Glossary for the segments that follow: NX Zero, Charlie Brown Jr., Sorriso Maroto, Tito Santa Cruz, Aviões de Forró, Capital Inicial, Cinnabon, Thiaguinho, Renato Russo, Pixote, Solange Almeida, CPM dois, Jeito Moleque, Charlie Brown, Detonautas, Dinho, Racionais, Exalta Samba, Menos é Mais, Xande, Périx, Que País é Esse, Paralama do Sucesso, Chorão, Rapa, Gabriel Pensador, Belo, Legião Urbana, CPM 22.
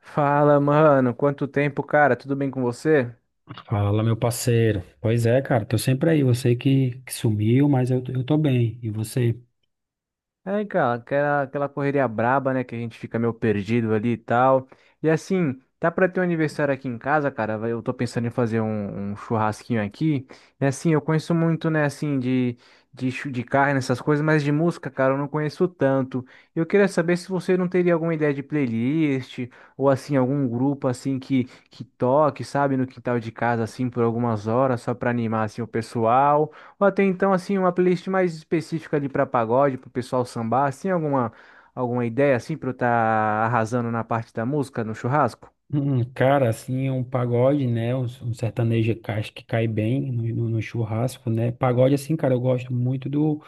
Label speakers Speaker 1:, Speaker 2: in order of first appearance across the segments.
Speaker 1: Fala, mano. Quanto tempo, cara? Tudo bem com você?
Speaker 2: Fala, meu parceiro. Pois é, cara, tô sempre aí. Você que sumiu, mas eu tô bem. E você?
Speaker 1: É, cara, aquela correria braba, né? Que a gente fica meio perdido ali e tal. E assim, tá pra ter um aniversário aqui em casa, cara. Eu tô pensando em fazer um churrasquinho aqui. E assim, eu conheço muito, né? Assim, de carne, essas coisas, mas de música, cara, eu não conheço tanto. Eu queria saber se você não teria alguma ideia de playlist ou assim, algum grupo assim que toque, sabe, no quintal de casa, assim, por algumas horas, só pra animar assim o pessoal. Ou até então, assim, uma playlist mais específica ali para pagode, para o pessoal sambar, assim, alguma ideia, assim, para eu estar arrasando na parte da música, no churrasco?
Speaker 2: Cara, assim, um pagode, né? Um sertanejo que acho que cai bem no churrasco, né? Pagode, assim, cara, eu gosto muito do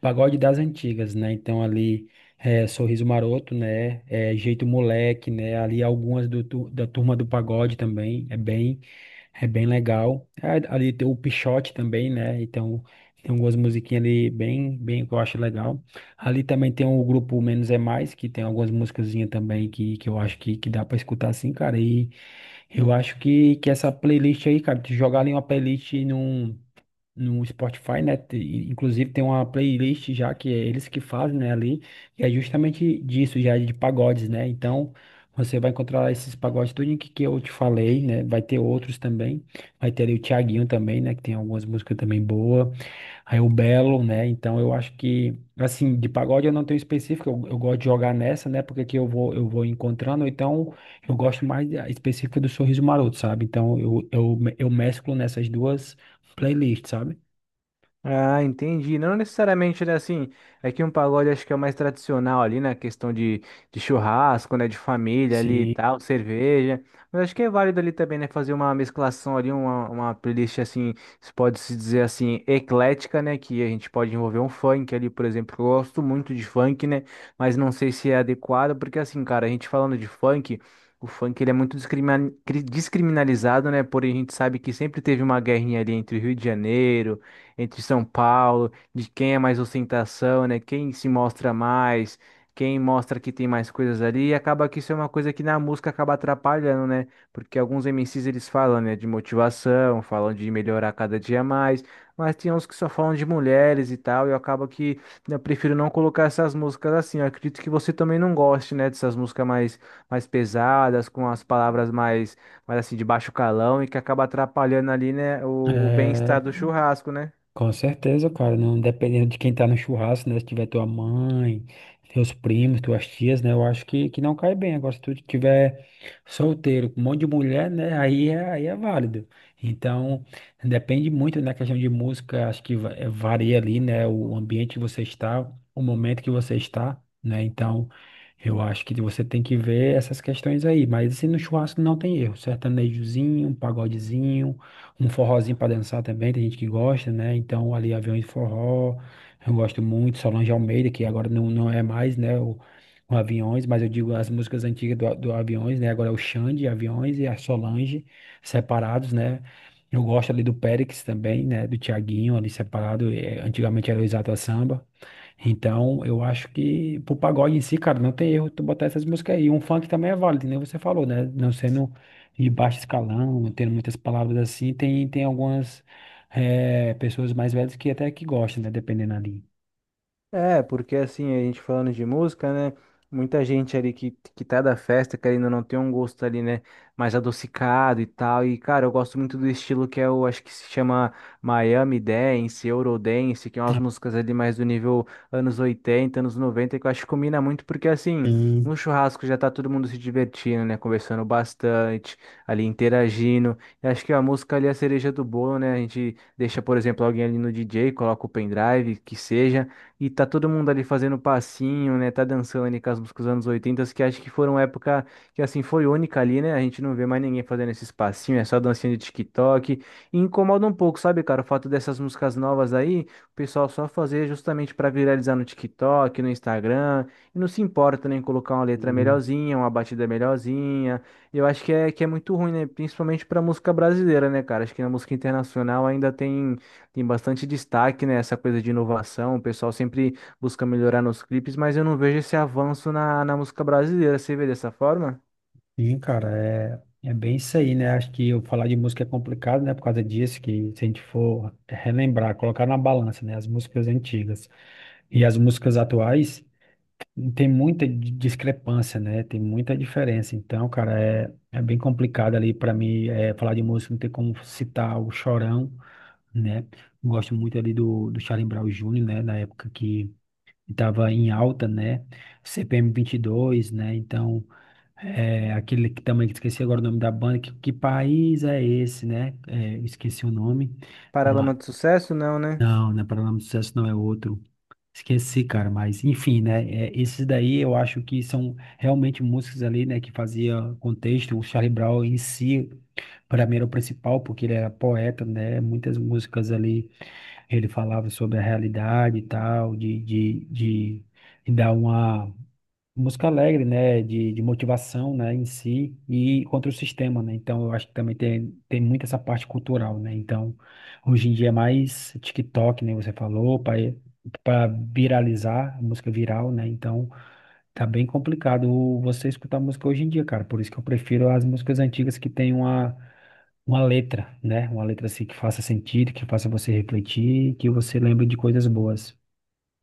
Speaker 2: pagode das antigas, né? Então, ali, Sorriso Maroto, né? Jeito Moleque, né? Ali, algumas da turma do pagode também, é bem legal. Ali tem o Pixote também, né? Então, tem algumas musiquinhas ali bem, bem que eu acho legal. Ali também tem o grupo Menos é Mais, que tem algumas musicazinhas também que eu acho que dá pra escutar assim, cara. E eu acho que essa playlist aí, cara, tu jogar ali uma playlist no Spotify, né? Inclusive tem uma playlist já que é eles que fazem, né, ali, que é justamente disso, já de pagodes, né? Então você vai encontrar esses pagodes tudo que eu te falei, né? Vai ter outros também. Vai ter ali o Thiaguinho também, né? Que tem algumas músicas também boas. Aí o Belo, né? Então eu acho que, assim, de pagode eu não tenho específico, eu gosto de jogar nessa, né? Porque aqui eu vou encontrando, ou então eu gosto mais da específica do Sorriso Maroto, sabe? Então eu mesclo nessas duas playlists, sabe?
Speaker 1: Ah, entendi. Não necessariamente, né? Assim, é que um pagode acho que é o mais tradicional ali, na questão de churrasco, né? De família ali e
Speaker 2: Sim.
Speaker 1: tal, cerveja. Mas acho que é válido ali também, né? Fazer uma mesclação ali, uma playlist assim, se pode se dizer assim, eclética, né? Que a gente pode envolver um funk ali, por exemplo. Eu gosto muito de funk, né? Mas não sei se é adequado, porque assim, cara, a gente falando de funk. O funk ele é muito descriminalizado, né? Porém, a gente sabe que sempre teve uma guerrinha ali entre o Rio de Janeiro, entre São Paulo, de quem é mais ostentação, né? Quem se mostra mais, quem mostra que tem mais coisas ali, e acaba que isso é uma coisa que na música acaba atrapalhando, né? Porque alguns MCs eles falam, né, de motivação, falam de melhorar cada dia mais, mas tem uns que só falam de mulheres e tal, e eu acabo que né, eu prefiro não colocar essas músicas assim. Eu acredito que você também não goste, né, dessas músicas mais pesadas, com as palavras mais, mais assim, de baixo calão e que acaba atrapalhando ali, né, o bem-estar do
Speaker 2: É,
Speaker 1: churrasco, né?
Speaker 2: com certeza, cara, não dependendo de quem tá no churrasco, né? Se tiver tua mãe, teus primos, tuas tias, né? Eu acho que não cai bem. Agora, se tu tiver solteiro, com um monte de mulher, né? Aí é válido. Então, depende muito, né? Questão de música, acho que varia ali, né? O ambiente que você está, o momento que você está, né? Então, eu acho que você tem que ver essas questões aí. Mas, assim, no churrasco não tem erro. Sertanejozinho, um pagodezinho, um forrozinho para dançar também, tem gente que gosta, né? Então ali Aviões de Forró, eu gosto muito, Solange Almeida, que agora não é mais, né, o Aviões, mas eu digo as músicas antigas do Aviões, né? Agora é o Xande, Aviões e a Solange, separados, né? Eu gosto ali do Périx também, né? Do Thiaguinho ali separado, antigamente era o Exalta Samba. Então, eu acho que pro pagode em si, cara, não tem erro tu botar essas músicas aí. Um funk também é válido, que nem você falou, né? Não sendo de baixo escalão, não tendo muitas palavras assim, tem algumas pessoas mais velhas que até que gostam, né? Dependendo ali.
Speaker 1: É, porque assim, a gente falando de música, né? Muita gente ali que tá da festa, querendo ou não tem um gosto ali, né? Mais adocicado e tal. E, cara, eu gosto muito do estilo que é o, acho que se chama Miami Dance, Eurodance, que é umas músicas ali mais do nível anos 80, anos 90, que eu acho que combina muito, porque assim,
Speaker 2: Sim,
Speaker 1: no churrasco já tá todo mundo se divertindo, né? Conversando bastante, ali interagindo. E acho que a música ali é a cereja do bolo, né? A gente deixa, por exemplo, alguém ali no DJ, coloca o pendrive, que seja. E tá todo mundo ali fazendo passinho, né? Tá dançando ali com as músicas dos anos 80, que acho que foram época que assim foi única ali, né? A gente não vê mais ninguém fazendo esses passinhos, é só dancinha de TikTok. E incomoda um pouco, sabe, cara, o fato dessas músicas novas aí, o pessoal só fazer justamente pra viralizar no TikTok, no Instagram, e não se importa nem em colocar uma letra
Speaker 2: sim,
Speaker 1: melhorzinha, uma batida melhorzinha. Eu acho que é muito ruim, né? Principalmente pra música brasileira, né, cara? Acho que na música internacional ainda tem. Tem bastante destaque, né, essa coisa de inovação, o pessoal sempre busca melhorar nos clipes, mas eu não vejo esse avanço na música brasileira, você vê dessa forma?
Speaker 2: sim, cara, é bem isso aí, né? Acho que eu falar de música é complicado, né? Por causa disso, que se a gente for relembrar, colocar na balança, né? As músicas antigas e as músicas atuais. Tem muita discrepância, né? Tem muita diferença. Então, cara, é bem complicado ali para mim falar de música, não tem como citar o Chorão, né? Gosto muito ali do Charlie Brown Jr., né? Na época que estava em alta, né? CPM dois, né? Então, aquele que também que esqueci agora o nome da banda, que país é esse, né? Esqueci o nome.
Speaker 1: Paralama
Speaker 2: Ma-
Speaker 1: de sucesso, não, né?
Speaker 2: não, não é Paralama do Sucesso, não é outro. Esqueci, cara, mas enfim, né? Esses daí eu acho que são realmente músicas ali, né, que fazia contexto. O Charlie Brown em si, para mim, era o principal, porque ele era poeta, né? Muitas músicas ali ele falava sobre a realidade e tal, de dar uma. Música alegre, né? De motivação, né? Em si e contra o sistema, né? Então, eu acho que também tem muito essa parte cultural, né? Então, hoje em dia é mais TikTok, né? Você falou, para viralizar, música viral, né? Então, tá bem complicado você escutar música hoje em dia, cara. Por isso que eu prefiro as músicas antigas que tem uma letra, né? Uma letra assim que faça sentido, que faça você refletir, que você lembre de coisas boas.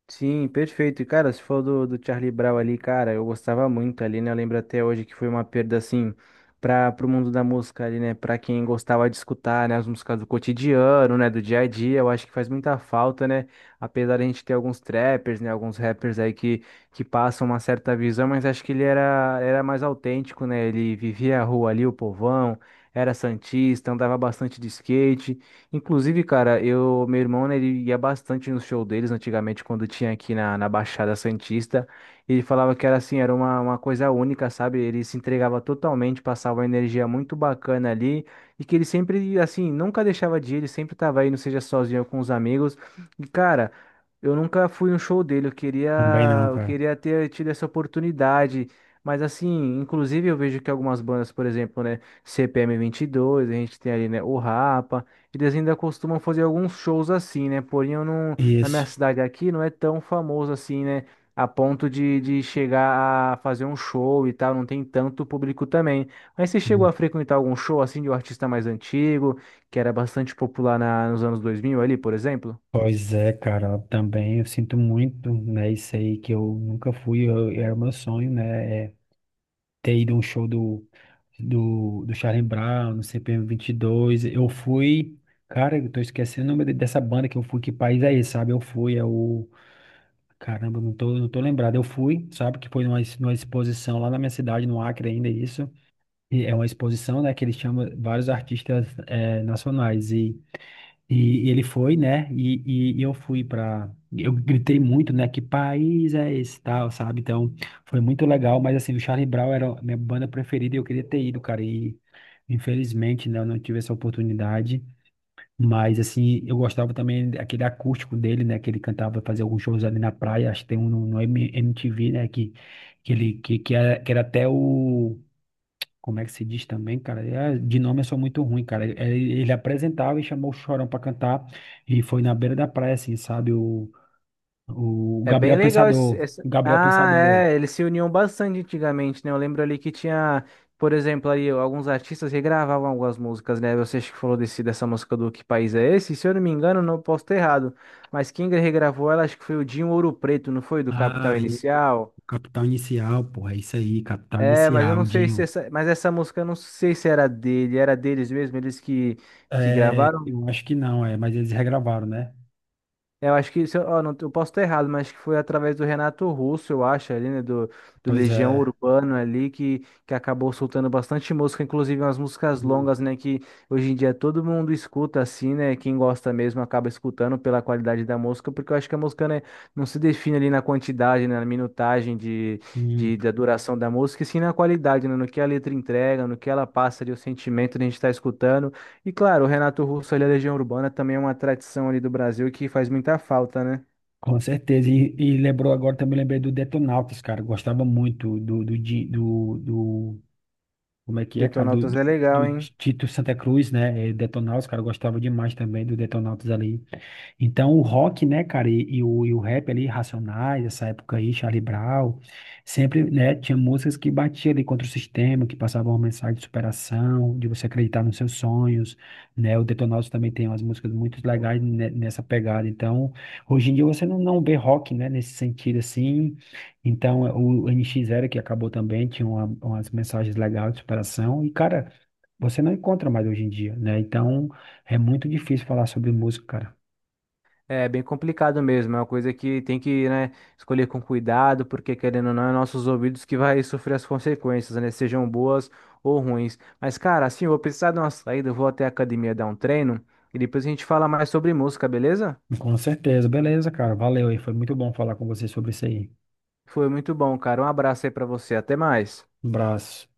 Speaker 1: Sim, perfeito. E, cara, se for do Charlie Brown ali, cara, eu gostava muito ali, né? Eu lembro até hoje que foi uma perda, assim, para o mundo da música ali, né? Pra quem gostava de escutar, né? As músicas do cotidiano, né? Do dia a dia, eu acho que faz muita falta, né? Apesar de a gente ter alguns trappers, né? Alguns rappers aí que passam uma certa visão, mas acho que ele era, era mais autêntico, né? Ele vivia a rua ali, o povão, era santista, andava bastante de skate. Inclusive, cara, eu, meu irmão, né, ele ia bastante no show deles antigamente, quando tinha aqui na Baixada Santista. Ele falava que era assim, era uma coisa única, sabe? Ele se entregava totalmente, passava uma energia muito bacana ali. E que ele sempre, assim, nunca deixava de ir, ele sempre tava aí, não seja sozinho ou com os amigos. E, cara, eu nunca fui no show dele,
Speaker 2: Também não,
Speaker 1: eu
Speaker 2: cara.
Speaker 1: queria ter tido essa oportunidade. Mas, assim, inclusive eu vejo que algumas bandas, por exemplo, né, CPM dois a gente tem ali, né, o Rapa. Eles ainda costumam fazer alguns shows assim, né? Porém, eu não, na minha
Speaker 2: Isso.
Speaker 1: cidade aqui não é tão famoso assim, né? A ponto de chegar a fazer um show e tal, não tem tanto público também. Mas você chegou a frequentar algum show assim de um artista mais antigo, que era bastante popular nos anos 2000 ali, por exemplo?
Speaker 2: Pois é, cara, também eu sinto muito, né, isso aí que eu nunca fui. Era o meu sonho, né, é ter ido a um show do Charlie Brown. No CPM dois eu fui, cara. Eu tô esquecendo o nome dessa banda que eu fui, que país é esse, sabe? Eu fui, caramba, não tô lembrado. Eu fui, sabe, que foi numa exposição lá na minha cidade, no Acre ainda, isso. E é uma exposição, né, que eles chamam vários artistas nacionais, e ele foi, né? E eu fui pra. Eu gritei muito, né? Que país é esse, tal, sabe? Então, foi muito legal. Mas, assim, o Charlie Brown era a minha banda preferida e eu queria ter ido, cara. E, infelizmente, né? Eu não tive essa oportunidade. Mas, assim, eu gostava também daquele acústico dele, né? Que ele cantava, fazia alguns shows ali na praia. Acho que tem um no MTV, né? Que ele. Que era até o como é que se diz também, cara? De nome eu sou muito ruim, cara. Ele apresentava e chamou o Chorão pra cantar e foi na beira da praia, assim, sabe? O
Speaker 1: É
Speaker 2: Gabriel
Speaker 1: bem legal
Speaker 2: Pensador. O Gabriel
Speaker 1: Ah,
Speaker 2: Pensador.
Speaker 1: é, eles se uniam bastante antigamente, né? Eu lembro ali que tinha, por exemplo, ali alguns artistas regravavam algumas músicas, né? Você acho que falou dessa música do Que País é Esse? Se eu não me engano, não posso estar errado, mas quem regravou ela acho que foi o Dinho Ouro Preto, não foi? Do
Speaker 2: Ah,
Speaker 1: Capital Inicial.
Speaker 2: Capital Inicial, porra, é isso aí, Capital
Speaker 1: É, mas eu
Speaker 2: Inicial,
Speaker 1: não sei se
Speaker 2: Dinho.
Speaker 1: essa, mas essa música eu não sei se era dele, era deles mesmo, eles que
Speaker 2: É,
Speaker 1: gravaram.
Speaker 2: eu acho que não, mas eles regravaram, né?
Speaker 1: É, eu acho que, se eu, ó, não, eu posso estar errado, mas acho que foi através do Renato Russo, eu acho, ali, né, do
Speaker 2: Pois
Speaker 1: Legião
Speaker 2: é.
Speaker 1: Urbano ali, que acabou soltando bastante música, inclusive umas músicas
Speaker 2: Hum,
Speaker 1: longas, né, que hoje em dia todo mundo escuta assim, né, quem gosta mesmo acaba escutando pela qualidade da música, porque eu acho que a música, né, não se define ali na quantidade, né, na minutagem de,
Speaker 2: hum,
Speaker 1: da duração da música, e sim na qualidade, né, no que a letra entrega, no que ela passa ali, o sentimento que a gente está escutando. E claro, o Renato Russo ali, a Legião Urbana também é uma tradição ali do Brasil que faz muita falta, né?
Speaker 2: com certeza. E lembrou agora, também lembrei do Detonautas, cara. Gostava muito do Como é que é, cara? Do,
Speaker 1: Detonautas
Speaker 2: do,
Speaker 1: é legal,
Speaker 2: do
Speaker 1: hein?
Speaker 2: Tito Santa Cruz, né? Detonautas, cara, eu gostava demais também do Detonautas ali. Então, o rock, né, cara, e o rap ali, Racionais, essa época aí, Charlie Brown, sempre, né, tinha músicas que batiam ali contra o sistema, que passavam uma mensagem de superação, de você acreditar nos seus sonhos, né, o Detonautas também tem umas músicas muito legais nessa pegada, então, hoje em dia você não vê rock, né, nesse sentido, assim, então, o NX Zero, que acabou também, tinha umas mensagens legais de superação, e, cara, você não encontra mais hoje em dia, né, então, é muito difícil falar sobre música, cara.
Speaker 1: É bem complicado mesmo, é uma coisa que tem que, né, escolher com cuidado, porque querendo ou não, é nossos ouvidos que vai sofrer as consequências, né? Sejam boas ou ruins. Mas, cara, assim, eu vou precisar de uma saída, eu vou até a academia dar um treino e depois a gente fala mais sobre música, beleza?
Speaker 2: Com certeza. Beleza, cara. Valeu aí. Foi muito bom falar com você sobre isso aí.
Speaker 1: Foi muito bom, cara. Um abraço aí pra você, até mais.
Speaker 2: Um abraço.